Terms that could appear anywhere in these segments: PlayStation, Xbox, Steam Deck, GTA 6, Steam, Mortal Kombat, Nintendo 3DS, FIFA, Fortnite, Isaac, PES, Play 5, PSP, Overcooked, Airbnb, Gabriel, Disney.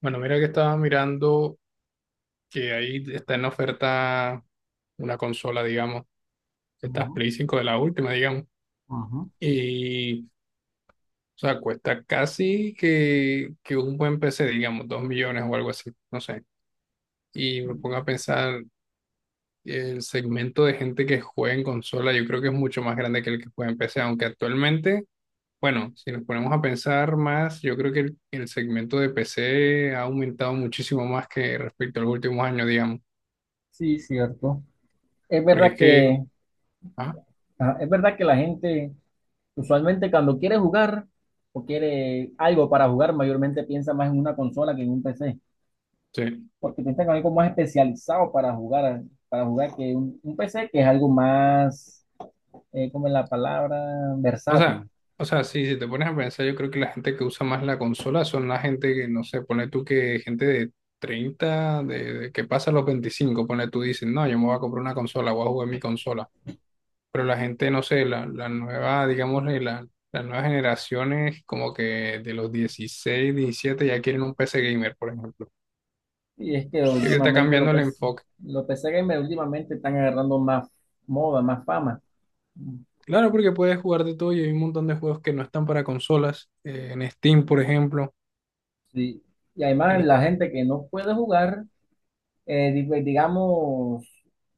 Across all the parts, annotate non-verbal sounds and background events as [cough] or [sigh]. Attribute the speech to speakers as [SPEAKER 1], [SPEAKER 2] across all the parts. [SPEAKER 1] Bueno, mira que estaba mirando que ahí está en oferta una consola, digamos, esta
[SPEAKER 2] Ujú,
[SPEAKER 1] Play 5 de la última, digamos,
[SPEAKER 2] ujú.
[SPEAKER 1] y, o sea, cuesta casi que un buen PC, digamos, 2 millones o algo así, no sé. Y me pongo a pensar, el segmento de gente que juega en consola, yo creo que es mucho más grande que el que juega en PC, aunque actualmente, bueno, si nos ponemos a pensar más, yo creo que el segmento de PC ha aumentado muchísimo más que respecto a los últimos años, digamos.
[SPEAKER 2] Sí, cierto. Es
[SPEAKER 1] Porque
[SPEAKER 2] verdad
[SPEAKER 1] es que.
[SPEAKER 2] que,
[SPEAKER 1] Ajá.
[SPEAKER 2] es verdad que la gente usualmente cuando quiere jugar o quiere algo para jugar, mayormente piensa más en una consola que en un PC,
[SPEAKER 1] Sí.
[SPEAKER 2] porque piensa que es algo más especializado para jugar que un PC que es algo más, como es la palabra,
[SPEAKER 1] O sea,
[SPEAKER 2] versátil.
[SPEAKER 1] o sea, sí, si te pones a pensar, yo creo que la gente que usa más la consola son la gente que, no sé, pone tú que gente de 30 de que pasa los 25, pone tú, dicen, no, yo me voy a comprar una consola, voy a jugar mi consola. Pero la gente, no sé, la nueva, digamos, las nuevas generaciones, como que de los 16 17, ya quieren un PC gamer, por ejemplo.
[SPEAKER 2] Y es que
[SPEAKER 1] Yo creo que está
[SPEAKER 2] últimamente
[SPEAKER 1] cambiando el enfoque.
[SPEAKER 2] los PC gamers últimamente están agarrando más moda, más fama.
[SPEAKER 1] Claro, porque puedes jugar de todo y hay un montón de juegos que no están para consolas, en Steam, por ejemplo.
[SPEAKER 2] Sí. Y además
[SPEAKER 1] En,
[SPEAKER 2] la gente que no puede jugar, pues, digamos,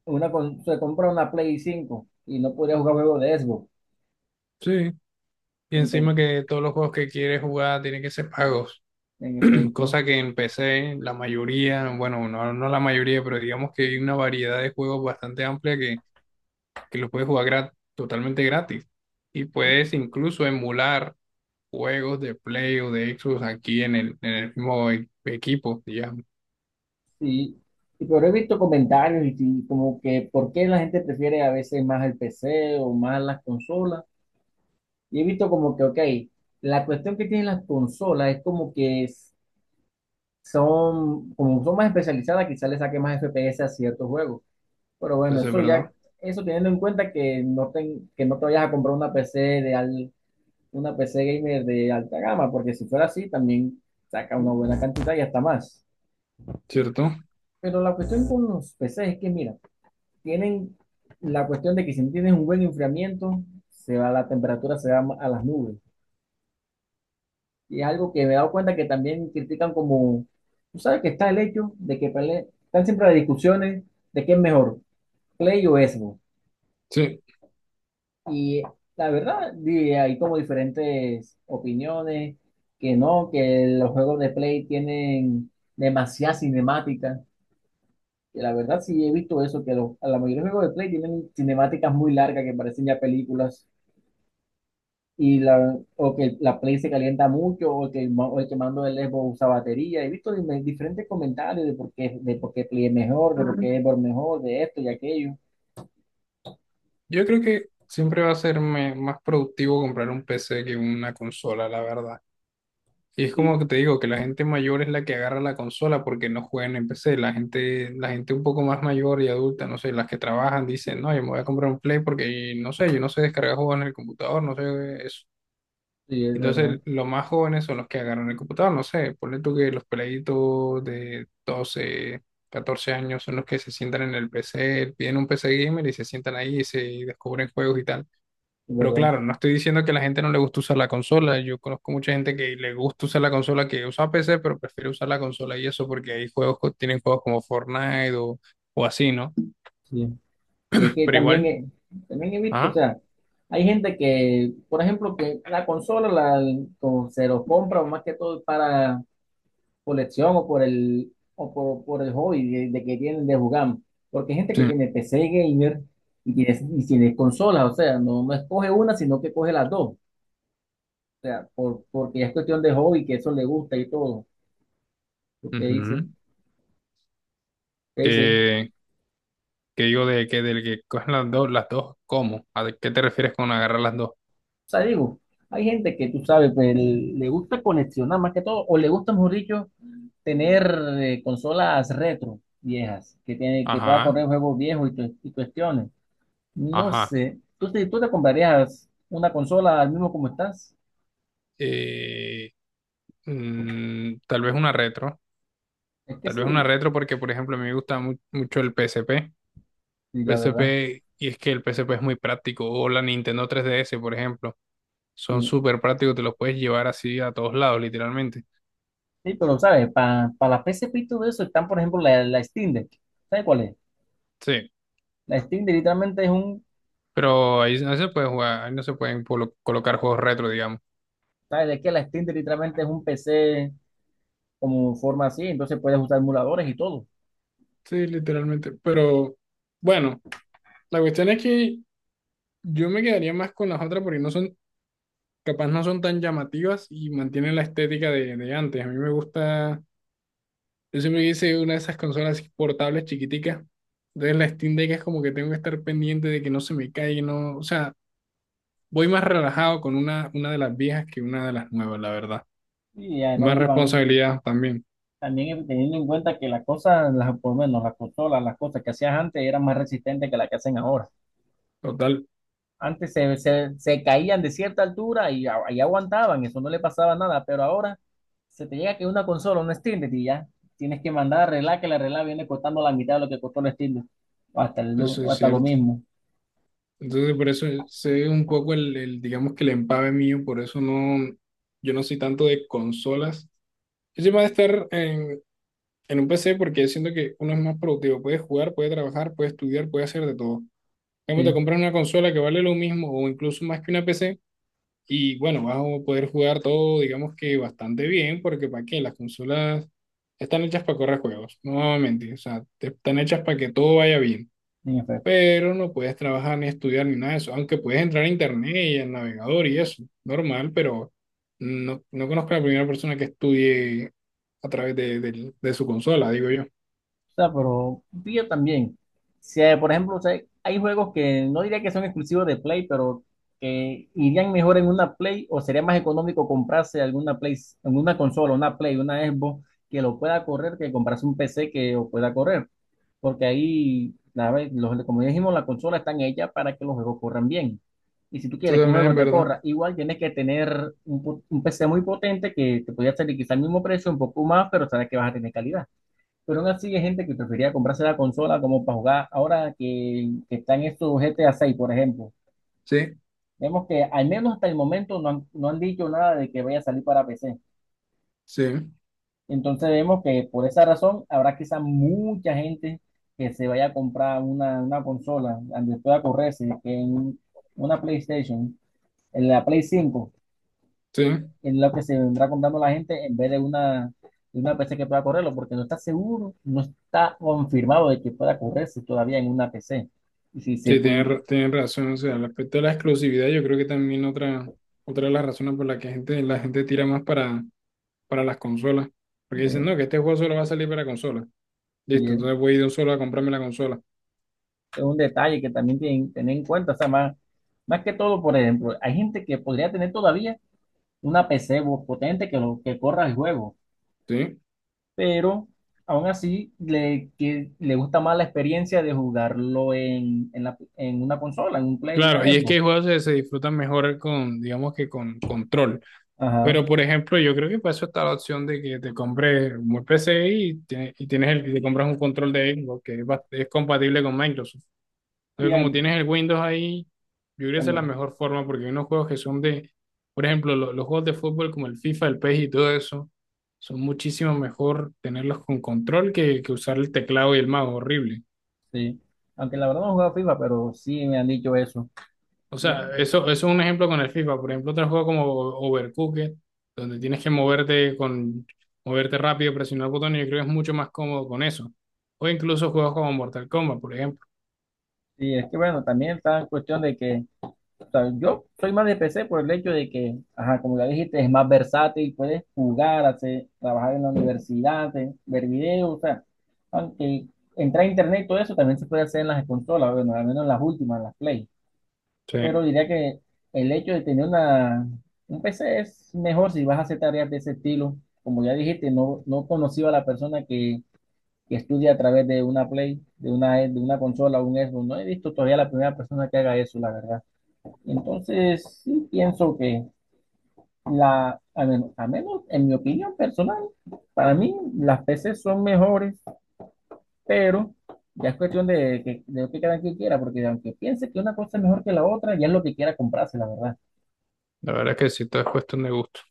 [SPEAKER 2] se compra una Play 5 y no podría jugar juegos de Xbox.
[SPEAKER 1] sí. Y encima
[SPEAKER 2] Entonces,
[SPEAKER 1] que todos los juegos que quieres jugar tienen que ser pagos,
[SPEAKER 2] en
[SPEAKER 1] [clears throat]
[SPEAKER 2] efecto,
[SPEAKER 1] cosa que en PC la mayoría, bueno, no, no la mayoría, pero digamos que hay una variedad de juegos bastante amplia que los puedes jugar totalmente gratis. Y puedes incluso emular juegos de Play o de Xbox aquí en el mismo equipo, digamos.
[SPEAKER 2] sí. Pero he visto comentarios y como que por qué la gente prefiere a veces más el PC o más las consolas. Y he visto como que, ok, la cuestión que tienen las consolas es como que son, como son más especializadas, quizás le saque más FPS a ciertos juegos. Pero bueno,
[SPEAKER 1] Entonces, es ¿verdad?
[SPEAKER 2] eso teniendo en cuenta que no, que no te vayas a comprar una PC gamer de alta gama, porque si fuera así, también saca una buena cantidad y hasta más.
[SPEAKER 1] ¿Cierto?
[SPEAKER 2] Pero la cuestión con los PCs es que, mira, tienen la cuestión de que si no tienes un buen enfriamiento, se va la temperatura, se va a las nubes. Y es algo que me he dado cuenta que también critican como, tú sabes que está el hecho de que están siempre las discusiones de qué es mejor, Play o Xbox.
[SPEAKER 1] Sí.
[SPEAKER 2] Y la verdad, hay como diferentes opiniones, que no, que los juegos de Play tienen demasiada cinemática. Y la verdad sí he visto eso, que a la mayoría de juegos de Play tienen cinemáticas muy largas que parecen ya películas. O que la Play se calienta mucho, o que o el que mando del Xbox usa batería. He visto, diferentes comentarios de por qué, Play es mejor, de por qué Xbox mejor, de esto y aquello.
[SPEAKER 1] Yo creo que siempre va a ser más productivo comprar un PC que una consola, la verdad. Y es
[SPEAKER 2] Sí.
[SPEAKER 1] como que te digo, que la gente mayor es la que agarra la consola porque no juegan en PC. La gente un poco más mayor y adulta, no sé, las que trabajan dicen, no, yo me voy a comprar un Play porque, no sé, yo no sé descargar juegos en el computador, no sé eso.
[SPEAKER 2] Sí, es verdad,
[SPEAKER 1] Entonces, los más jóvenes son los que agarran el computador, no sé, ponle tú que los peladitos de 12 14 años son los que se sientan en el PC, piden un PC gamer y se sientan ahí y se descubren juegos y tal.
[SPEAKER 2] es
[SPEAKER 1] Pero
[SPEAKER 2] verdad.
[SPEAKER 1] claro, no estoy diciendo que a la gente no le gusta usar la consola. Yo conozco mucha gente que le gusta usar la consola, que usa PC, pero prefiere usar la consola y eso porque hay juegos, tienen juegos como Fortnite o así, ¿no?
[SPEAKER 2] Sí. Y es que
[SPEAKER 1] Pero
[SPEAKER 2] también,
[SPEAKER 1] igual,
[SPEAKER 2] también he visto, o
[SPEAKER 1] ajá,
[SPEAKER 2] sea, hay gente que, por ejemplo, que la consola la, o se lo compra más que todo para colección o por el hobby de que tienen de jugar. Porque hay gente que
[SPEAKER 1] sí.
[SPEAKER 2] tiene PC gamer y tiene consolas, o sea, no, no escoge una, sino que coge las dos. O sea, porque es cuestión de hobby, que eso le gusta y todo. ¿Qué dice?
[SPEAKER 1] Ujú.
[SPEAKER 2] ¿Qué dice?
[SPEAKER 1] Que, que digo de que del que cogen las dos, ¿cómo? ¿A de qué te refieres con agarrar las dos?
[SPEAKER 2] O sea, digo, hay gente que tú sabes, pues, le gusta coleccionar más que todo, o le gusta, mejor dicho, tener, consolas retro viejas, que tiene, que pueda
[SPEAKER 1] Ajá,
[SPEAKER 2] correr juegos viejos y cuestiones. No
[SPEAKER 1] ajá.
[SPEAKER 2] sé, ¿tú te comprarías una consola al mismo como estás?
[SPEAKER 1] Eh, Tal vez una retro.
[SPEAKER 2] Es que
[SPEAKER 1] Tal vez una
[SPEAKER 2] sí,
[SPEAKER 1] retro porque, por ejemplo, a mí me gusta mucho el PSP.
[SPEAKER 2] sí, la verdad.
[SPEAKER 1] PSP, y es que el PSP es muy práctico, o la Nintendo 3DS, por ejemplo, son
[SPEAKER 2] Sí,
[SPEAKER 1] súper prácticos, te los puedes llevar así a todos lados, literalmente.
[SPEAKER 2] sí, pero sabes, para la PSP y todo eso están, por ejemplo, la Steam Deck. ¿Sabes cuál es?
[SPEAKER 1] Sí,
[SPEAKER 2] La Steam Deck literalmente es un,
[SPEAKER 1] pero ahí no se puede jugar, ahí no se pueden colocar juegos retro, digamos.
[SPEAKER 2] ¿Sabes de qué? La Steam Deck literalmente es un PC como forma así, entonces puedes usar emuladores y todo.
[SPEAKER 1] Sí, literalmente. Pero bueno, la cuestión es que yo me quedaría más con las otras porque no son, capaz no son tan llamativas y mantienen la estética de antes. A mí me gusta. Yo siempre hice una de esas consolas así portables chiquiticas. Entonces la Steam Deck es como que tengo que estar pendiente de que no se me caiga, no, o sea, voy más relajado con una de las viejas que una de las nuevas, la verdad.
[SPEAKER 2] Y además,
[SPEAKER 1] Más responsabilidad también,
[SPEAKER 2] también teniendo en cuenta que las cosas, las, por lo menos las consolas, las cosas que hacías antes eran más resistentes que las que hacen ahora.
[SPEAKER 1] total,
[SPEAKER 2] Antes se caían de cierta altura y, y aguantaban, eso no le pasaba nada, pero ahora se te llega que una consola, un Steam Deck, y ya tienes que mandar a arreglar, que la arreglar viene costando la mitad de lo que costó el Steam Deck,
[SPEAKER 1] eso
[SPEAKER 2] o
[SPEAKER 1] es
[SPEAKER 2] hasta lo
[SPEAKER 1] cierto.
[SPEAKER 2] mismo.
[SPEAKER 1] Entonces por eso sé un poco el, digamos que el empave mío, por eso no, yo no soy tanto de consolas. Yo soy más de estar en un PC porque siento que uno es más productivo, puede jugar, puede trabajar, puede estudiar, puede hacer de todo. Cambio, te
[SPEAKER 2] Sí,
[SPEAKER 1] compras una consola que vale lo mismo o incluso más que una PC y, bueno, vas a poder jugar todo, digamos que bastante bien, porque para qué, las consolas están hechas para correr juegos, no vamos a mentir, o sea, están hechas para que todo vaya bien,
[SPEAKER 2] bien efecto.
[SPEAKER 1] pero no puedes trabajar ni estudiar ni nada de eso, aunque puedes entrar a internet y al navegador y eso, normal, pero no, no conozco a la primera persona que estudie a través de su consola, digo yo.
[SPEAKER 2] O sea, pero sí, yo también. Si, por ejemplo, o sea, hay juegos que no diría que son exclusivos de Play, pero que irían mejor en una Play o sería más económico comprarse alguna Play, alguna consola, una Play, una Xbox que lo pueda correr que comprarse un PC que lo pueda correr. Porque ahí, la vez, como ya dijimos, las consolas están hechas para que los juegos corran bien. Y si tú
[SPEAKER 1] Tú
[SPEAKER 2] quieres que un
[SPEAKER 1] también,
[SPEAKER 2] juego
[SPEAKER 1] en
[SPEAKER 2] te
[SPEAKER 1] verdad.
[SPEAKER 2] corra, igual tienes que tener un PC muy potente que te podría salir quizá al mismo precio, un poco más, pero sabes que vas a tener calidad. Pero aún así hay gente que prefería comprarse la consola como para jugar ahora que están estos GTA 6, por ejemplo.
[SPEAKER 1] Sí,
[SPEAKER 2] Vemos que al menos hasta el momento no han dicho nada de que vaya a salir para PC.
[SPEAKER 1] sí,
[SPEAKER 2] Entonces vemos que por esa razón habrá quizá mucha gente que se vaya a comprar una consola donde pueda correrse, que en una PlayStation, en la Play 5.
[SPEAKER 1] sí.
[SPEAKER 2] Es lo que se vendrá contando la gente en vez de una PC que pueda correrlo, porque no está seguro, no está confirmado de que pueda correrse todavía en una PC. Y si se
[SPEAKER 1] Sí, tienen,
[SPEAKER 2] puede,
[SPEAKER 1] tienen razón. O sea, el aspecto de la exclusividad, yo creo que también otra de las razones por las que la gente tira más para las consolas. Porque dicen, no,
[SPEAKER 2] eh,
[SPEAKER 1] que este juego solo va a salir para consolas.
[SPEAKER 2] y
[SPEAKER 1] Listo,
[SPEAKER 2] es
[SPEAKER 1] entonces voy a ir de un solo a comprarme la consola.
[SPEAKER 2] es un detalle que también tienen tener en cuenta, o sea, más que todo, por ejemplo, hay gente que podría tener todavía una PC potente que corra el juego,
[SPEAKER 1] Sí.
[SPEAKER 2] pero aún así le gusta más la experiencia de jugarlo en, en una consola, en un Play, una
[SPEAKER 1] Claro, y es que hay
[SPEAKER 2] Xbox.
[SPEAKER 1] juegos que se disfrutan mejor con, digamos que con control.
[SPEAKER 2] Ajá.
[SPEAKER 1] Pero, por ejemplo, yo creo que para eso está la opción de que te compres un PC y, y te compras un control de Xbox que es, es compatible con Microsoft.
[SPEAKER 2] Y
[SPEAKER 1] Entonces, como
[SPEAKER 2] hay-
[SPEAKER 1] tienes el Windows ahí, yo creo que esa es la
[SPEAKER 2] también-
[SPEAKER 1] mejor forma porque hay unos juegos que son de, por ejemplo, los juegos de fútbol como el FIFA, el PES y todo eso, son muchísimo mejor tenerlos con control que usar el teclado y el mouse, horrible.
[SPEAKER 2] Sí, aunque la verdad no he jugado FIFA, pero sí me han dicho eso.
[SPEAKER 1] O
[SPEAKER 2] Y, es
[SPEAKER 1] sea, eso es un ejemplo con el FIFA. Por ejemplo, otro juego como Overcooked, donde tienes que moverte rápido, presionar botones, yo creo que es mucho más cómodo con eso. O incluso juegos como Mortal Kombat, por ejemplo.
[SPEAKER 2] y es que bueno, también está en cuestión de que, o sea, yo soy más de PC por el hecho de que, ajá, como ya dijiste, es más versátil, puedes jugar, hacer, trabajar en la universidad, ver videos, o sea, aunque entrar a internet y todo eso también se puede hacer en las consolas, bueno, al menos en las últimas, en las Play.
[SPEAKER 1] Sí,
[SPEAKER 2] Pero diría que el hecho de tener un PC es mejor si vas a hacer tareas de ese estilo. Como ya dijiste, no, no conocido a la persona que estudia a través de una Play, de una consola, un Xbox. No he visto todavía la primera persona que haga eso, la verdad. Entonces, sí pienso que a menos en mi opinión personal, para mí las PCs son mejores, pero ya es cuestión de lo que cada quien quiera, porque aunque piense que una cosa es mejor que la otra, ya es lo que quiera comprarse, la verdad.
[SPEAKER 1] la verdad es que sí, todo es cuestión de gusto.